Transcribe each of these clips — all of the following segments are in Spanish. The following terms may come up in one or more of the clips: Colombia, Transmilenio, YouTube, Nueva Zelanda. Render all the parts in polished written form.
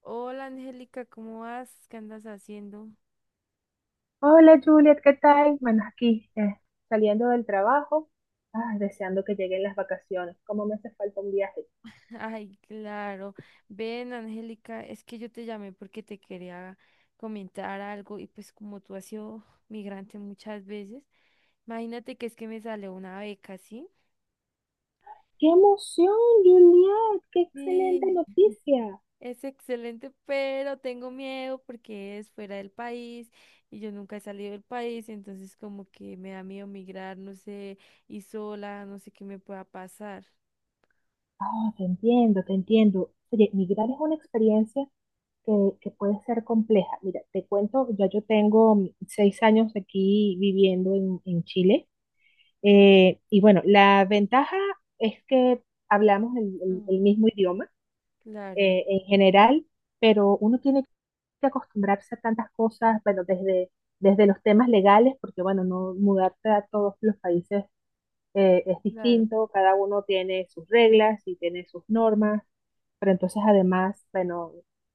Hola Angélica, ¿cómo vas? ¿Qué andas haciendo? Hola Juliet, ¿qué tal? Bueno, aquí saliendo del trabajo, deseando que lleguen las vacaciones. ¿Cómo me hace falta un viaje? Ay, claro. Ven, Angélica, es que yo te llamé porque te quería comentar algo y pues como tú has sido migrante muchas veces, imagínate que es que me sale una beca, ¿sí? ¡Qué emoción, Juliet! ¡Qué excelente Sí, noticia! es excelente, pero tengo miedo porque es fuera del país y yo nunca he salido del país, entonces como que me da miedo migrar, no sé, y sola, no sé qué me pueda pasar. Ah, te entiendo, te entiendo. Oye, migrar es una experiencia que, que puede ser compleja. Mira, te cuento, ya yo tengo 6 años aquí viviendo en Chile. Y bueno, la ventaja es que hablamos el Mm, mismo idioma. claro, En general, pero uno tiene que acostumbrarse a tantas cosas, bueno, desde los temas legales, porque bueno, no mudarte a todos los países es claro. distinto, cada uno tiene sus reglas y tiene sus normas, pero entonces además, bueno,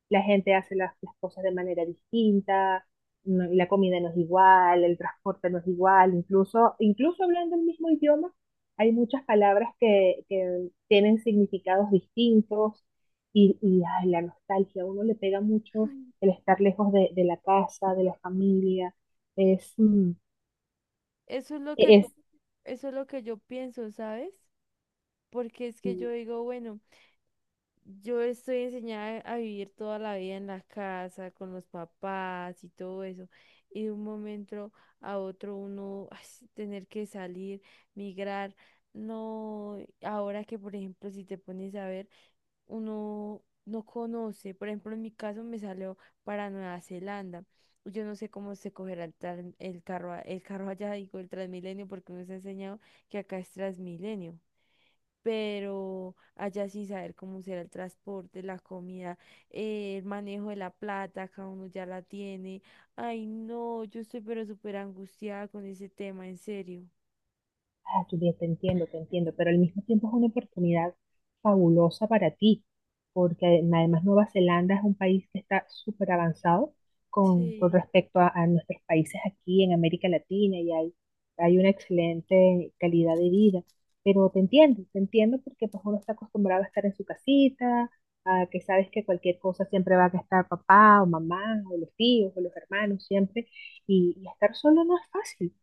la gente hace las cosas de manera distinta, la comida no es igual, el transporte no es igual, incluso hablando el mismo idioma, hay muchas palabras que tienen significados distintos ay, la nostalgia, a uno le pega mucho el estar lejos de la casa, de la familia, es, mm, Eso es lo que e-, yo, es eso es lo que yo pienso, ¿sabes? Porque es que mm, yo digo, bueno, yo estoy enseñada a vivir toda la vida en la casa, con los papás y todo eso. Y de un momento a otro uno ay, sí, tener que salir, migrar. No, ahora que por ejemplo, si te pones a ver, uno no conoce. Por ejemplo, en mi caso me salió para Nueva Zelanda. Yo no sé cómo se cogerá el carro, el carro allá, digo, el Transmilenio, porque nos ha enseñado que acá es Transmilenio. Pero allá sin saber cómo será el transporte, la comida, el manejo de la plata, cada uno ya la tiene. Ay, no, yo estoy pero súper angustiada con ese tema, en serio. Ah, tú bien te entiendo, pero al mismo tiempo es una oportunidad fabulosa para ti, porque además Nueva Zelanda es un país que está súper avanzado con Sí. respecto a nuestros países aquí en América Latina y hay una excelente calidad de vida. Pero te entiendo porque pues uno está acostumbrado a estar en su casita, a que sabes que cualquier cosa siempre va a estar papá o mamá o los tíos o los hermanos siempre, y estar solo no es fácil.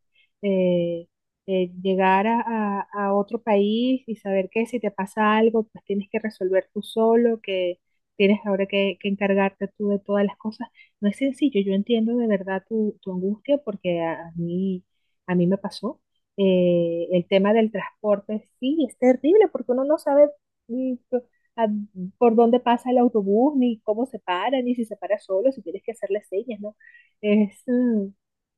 Eh, Llegar a otro país y saber que si te pasa algo, pues tienes que resolver tú solo, que tienes ahora que encargarte tú de todas las cosas. No es sencillo, yo entiendo de verdad tu angustia porque a mí me pasó. El tema del transporte, sí, es terrible porque uno no sabe mm, p- a- por dónde pasa el autobús, ni cómo se para, ni si se para solo, si tienes que hacerle señas, ¿no? Es, mm,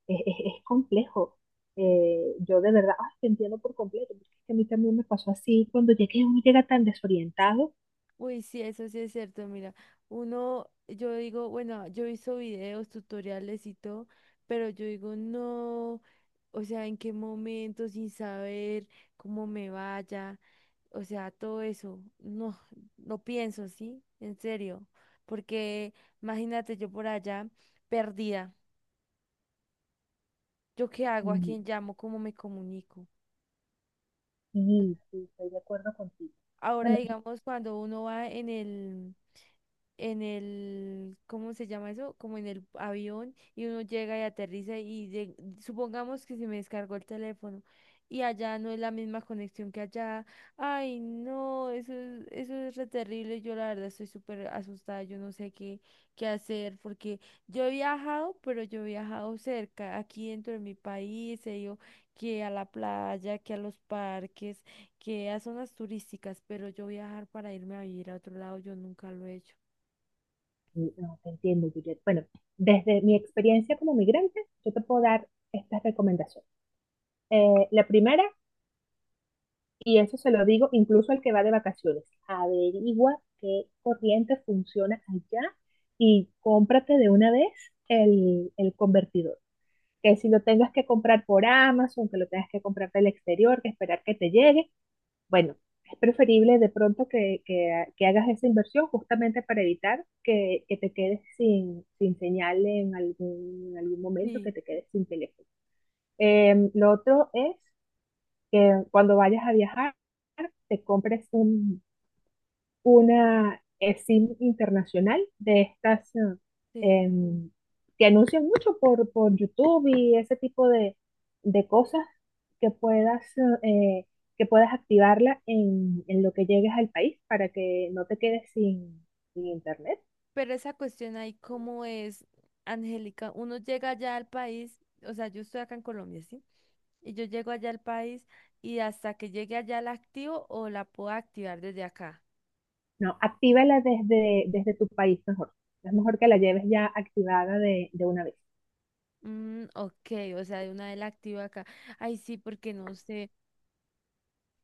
es- Es complejo. Yo de verdad, ay, te entiendo por completo, porque es que a mí también me pasó así, cuando llegué uno llega tan desorientado, Uy, sí, eso sí es cierto, mira, uno, yo digo, bueno, yo he visto videos, tutoriales y todo, pero yo digo, no, o sea, en qué momento, sin saber cómo me vaya, o sea, todo eso, no, no pienso, ¿sí? En serio, porque imagínate yo por allá, perdida, ¿yo qué hago? ¿A y quién llamo? ¿Cómo me comunico? sí, sí, estoy de acuerdo contigo. Ahora, Bueno, yo- digamos, cuando uno va en el, ¿cómo se llama eso? Como en el avión y uno llega y aterriza y supongamos que se me descargó el teléfono y allá no es la misma conexión que allá. Ay, no, eso es re terrible. Yo la verdad estoy súper asustada, yo no sé qué hacer porque yo he viajado, pero yo he viajado cerca, aquí dentro de mi país, he ido que a la playa, que a los parques que a zonas turísticas, pero yo viajar para irme a vivir a otro lado, yo nunca lo he hecho. sí, no, te entiendo, Juliet. Bueno, desde mi experiencia como migrante, yo te puedo dar estas recomendaciones. La primera, y eso se lo digo incluso al que va de vacaciones, averigua qué corriente funciona allá y cómprate de una vez el convertidor, que si lo tengas que comprar por Amazon, que lo tengas que comprar del exterior, que esperar que te llegue, bueno, es preferible de pronto que, que hagas esa inversión justamente para evitar que te quedes sin, sin señal en algún momento, que Sí, te quedes sin teléfono. Lo otro es que cuando vayas a viajar, te compres una SIM internacional de estas sí, em, que anuncian mucho por YouTube y ese tipo de cosas que puedas, eh, que puedas activarla en lo que llegues al país para que no te quedes sin, sin internet. pero esa cuestión ahí, ¿cómo es, Angélica? Uno llega allá al país, o sea, yo estoy acá en Colombia, ¿sí? Y yo llego allá al país y hasta que llegue allá la activo o la puedo activar desde acá. No, actívala desde tu país mejor. Es mejor que la lleves ya activada de una vez. Mm, ok, o sea, de una vez la activo acá. Ay, sí, porque no sé,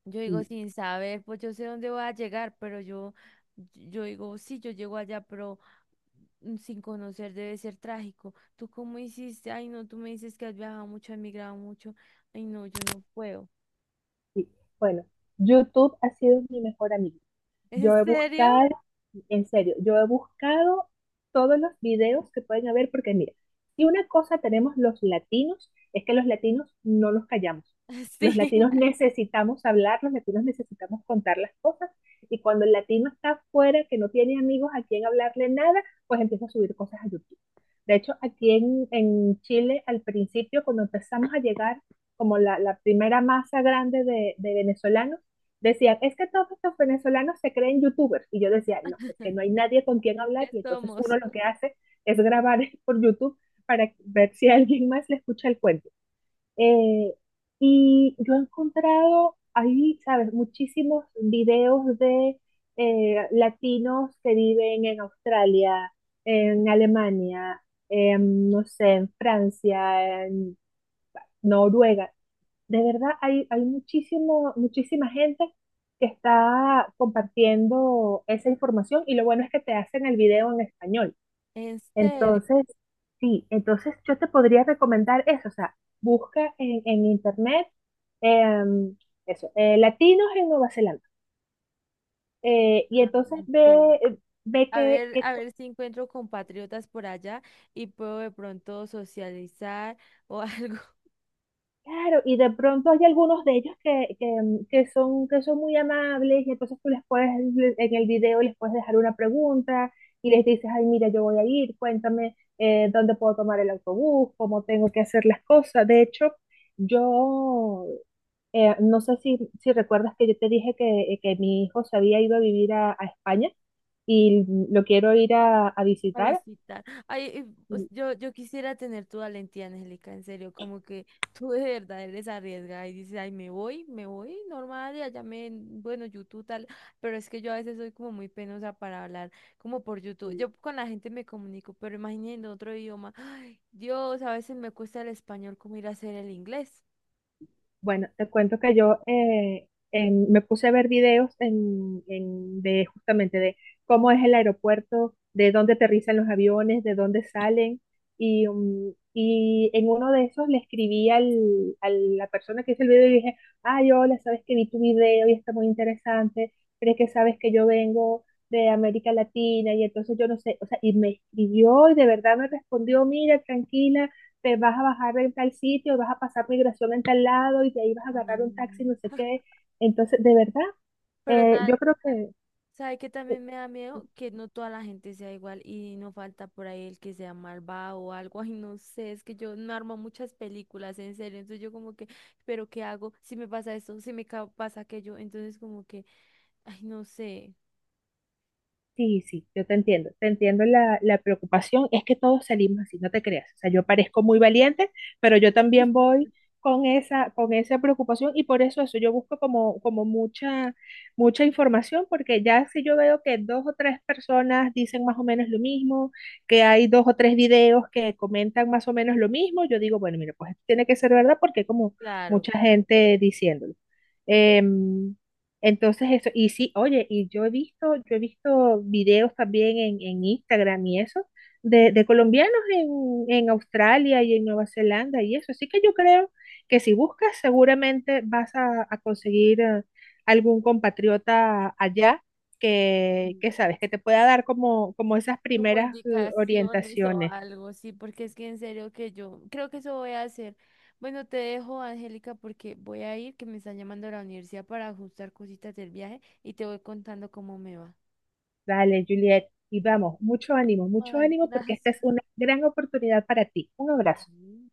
yo digo Y, sin saber, pues yo sé dónde voy a llegar, yo digo, sí, yo llego allá, pero sin conocer debe ser trágico. ¿Tú cómo hiciste? Ay, no, tú me dices que has viajado mucho, has migrado mucho. Ay, no, yo no puedo. y, bueno, YouTube ha sido mi mejor amigo. ¿En Yo he serio? buscado, en serio, yo he buscado todos los videos que pueden haber, porque mira, si una cosa tenemos los latinos, es que los latinos no nos callamos. Los Sí, latinos necesitamos hablar, los latinos necesitamos contar las cosas, y cuando el latino está afuera, que no tiene amigos a quien hablarle nada, pues empieza a subir cosas a YouTube. De hecho, aquí en Chile, al principio, cuando empezamos a llegar como la primera masa grande de venezolanos, decían, es que todos estos venezolanos se creen youtubers. Y yo decía, no, es que no hay nadie con quien ya hablar y entonces somos. uno lo que hace es grabar por YouTube para ver si alguien más le escucha el cuento. Eh, y yo he encontrado ahí, sabes, muchísimos videos de latinos que viven en Australia, en Alemania, en, no sé, en Francia, en Noruega, de verdad, hay muchísimo, muchísima gente que está compartiendo esa información y lo bueno es que te hacen el video en español. ¿En serio? Entonces, sí, entonces yo te podría recomendar eso, o sea, busca en internet em, eso, latinos en Nueva Zelanda y Ah, entonces ok. Ve qué, qué... A ver si encuentro compatriotas por allá y puedo de pronto socializar o algo. Claro, y de pronto hay algunos de ellos que son muy amables y entonces tú les puedes, en el video les puedes dejar una pregunta y les dices, ay, mira, yo voy a ir, cuéntame dónde puedo tomar el autobús, cómo tengo que hacer las cosas. De hecho, yo no sé si, si recuerdas que yo te dije que mi hijo se había ido a vivir a España y lo quiero ir a A visitar. visitar. Ay, yo quisiera tener tu valentía, Angélica, en serio, como que tú de verdad eres arriesgada y dices, ay, me voy, normal, y allá me, bueno, YouTube tal, pero es que yo a veces soy como muy penosa para hablar, como por YouTube. Yo con la gente me comunico, pero imagínate en otro idioma, ay, Dios, a veces me cuesta el español como ir a hacer el inglés. Bueno, te cuento que yo me puse a ver videos de justamente de cómo es el aeropuerto, de dónde aterrizan los aviones, de dónde salen. Y y en uno de esos le escribí a la persona que hizo el video y dije, ay, hola, sabes que vi tu video y está muy interesante, pero es que sabes que yo vengo de América Latina y entonces yo no sé, o sea, y me escribió y de verdad me respondió, mira, tranquila, te vas a bajar en tal sitio, y vas a pasar migración en tal lado y de ahí vas a agarrar un taxi, no Ah. sé qué. Entonces, de verdad, Pero, ta- yo creo que, Sabe que que- también me da miedo que no toda la gente sea igual y no falta por ahí el que sea malvado o algo. Ay, no sé, es que yo no armo muchas películas, en serio. Entonces yo como que, ¿pero qué hago? Si me pasa esto, si me pasa aquello. Entonces como que, ay, no sé. Sí, sí, yo te entiendo la preocupación, es que todos salimos así, no te creas, o sea, yo parezco muy valiente, pero yo también voy con esa preocupación y por eso yo busco como, como mucha, mucha información, porque ya si yo veo que dos o tres personas dicen más o menos lo mismo, que hay dos o tres videos que comentan más o menos lo mismo, yo digo, bueno, mira, pues esto tiene que ser verdad porque hay como Claro, mucha claro. gente diciéndolo. Em, entonces eso, y sí, oye, y yo he visto videos también en Instagram y eso, de colombianos en Australia y en Nueva Zelanda y eso. Así que yo creo que si buscas, seguramente vas a conseguir algún compatriota allá Mm. que sabes, que te pueda dar como, como esas Como primeras indicaciones o orientaciones. algo, sí, porque es que en serio que yo creo que eso voy a hacer. Bueno, te dejo, Angélica, porque voy a ir, que me están llamando a la universidad para ajustar cositas del viaje y te voy contando cómo me va. Dale, Juliet, y Vale. vamos, mucho Ay, ánimo porque gracias. esta es una gran oportunidad para ti. Un abrazo. Ay,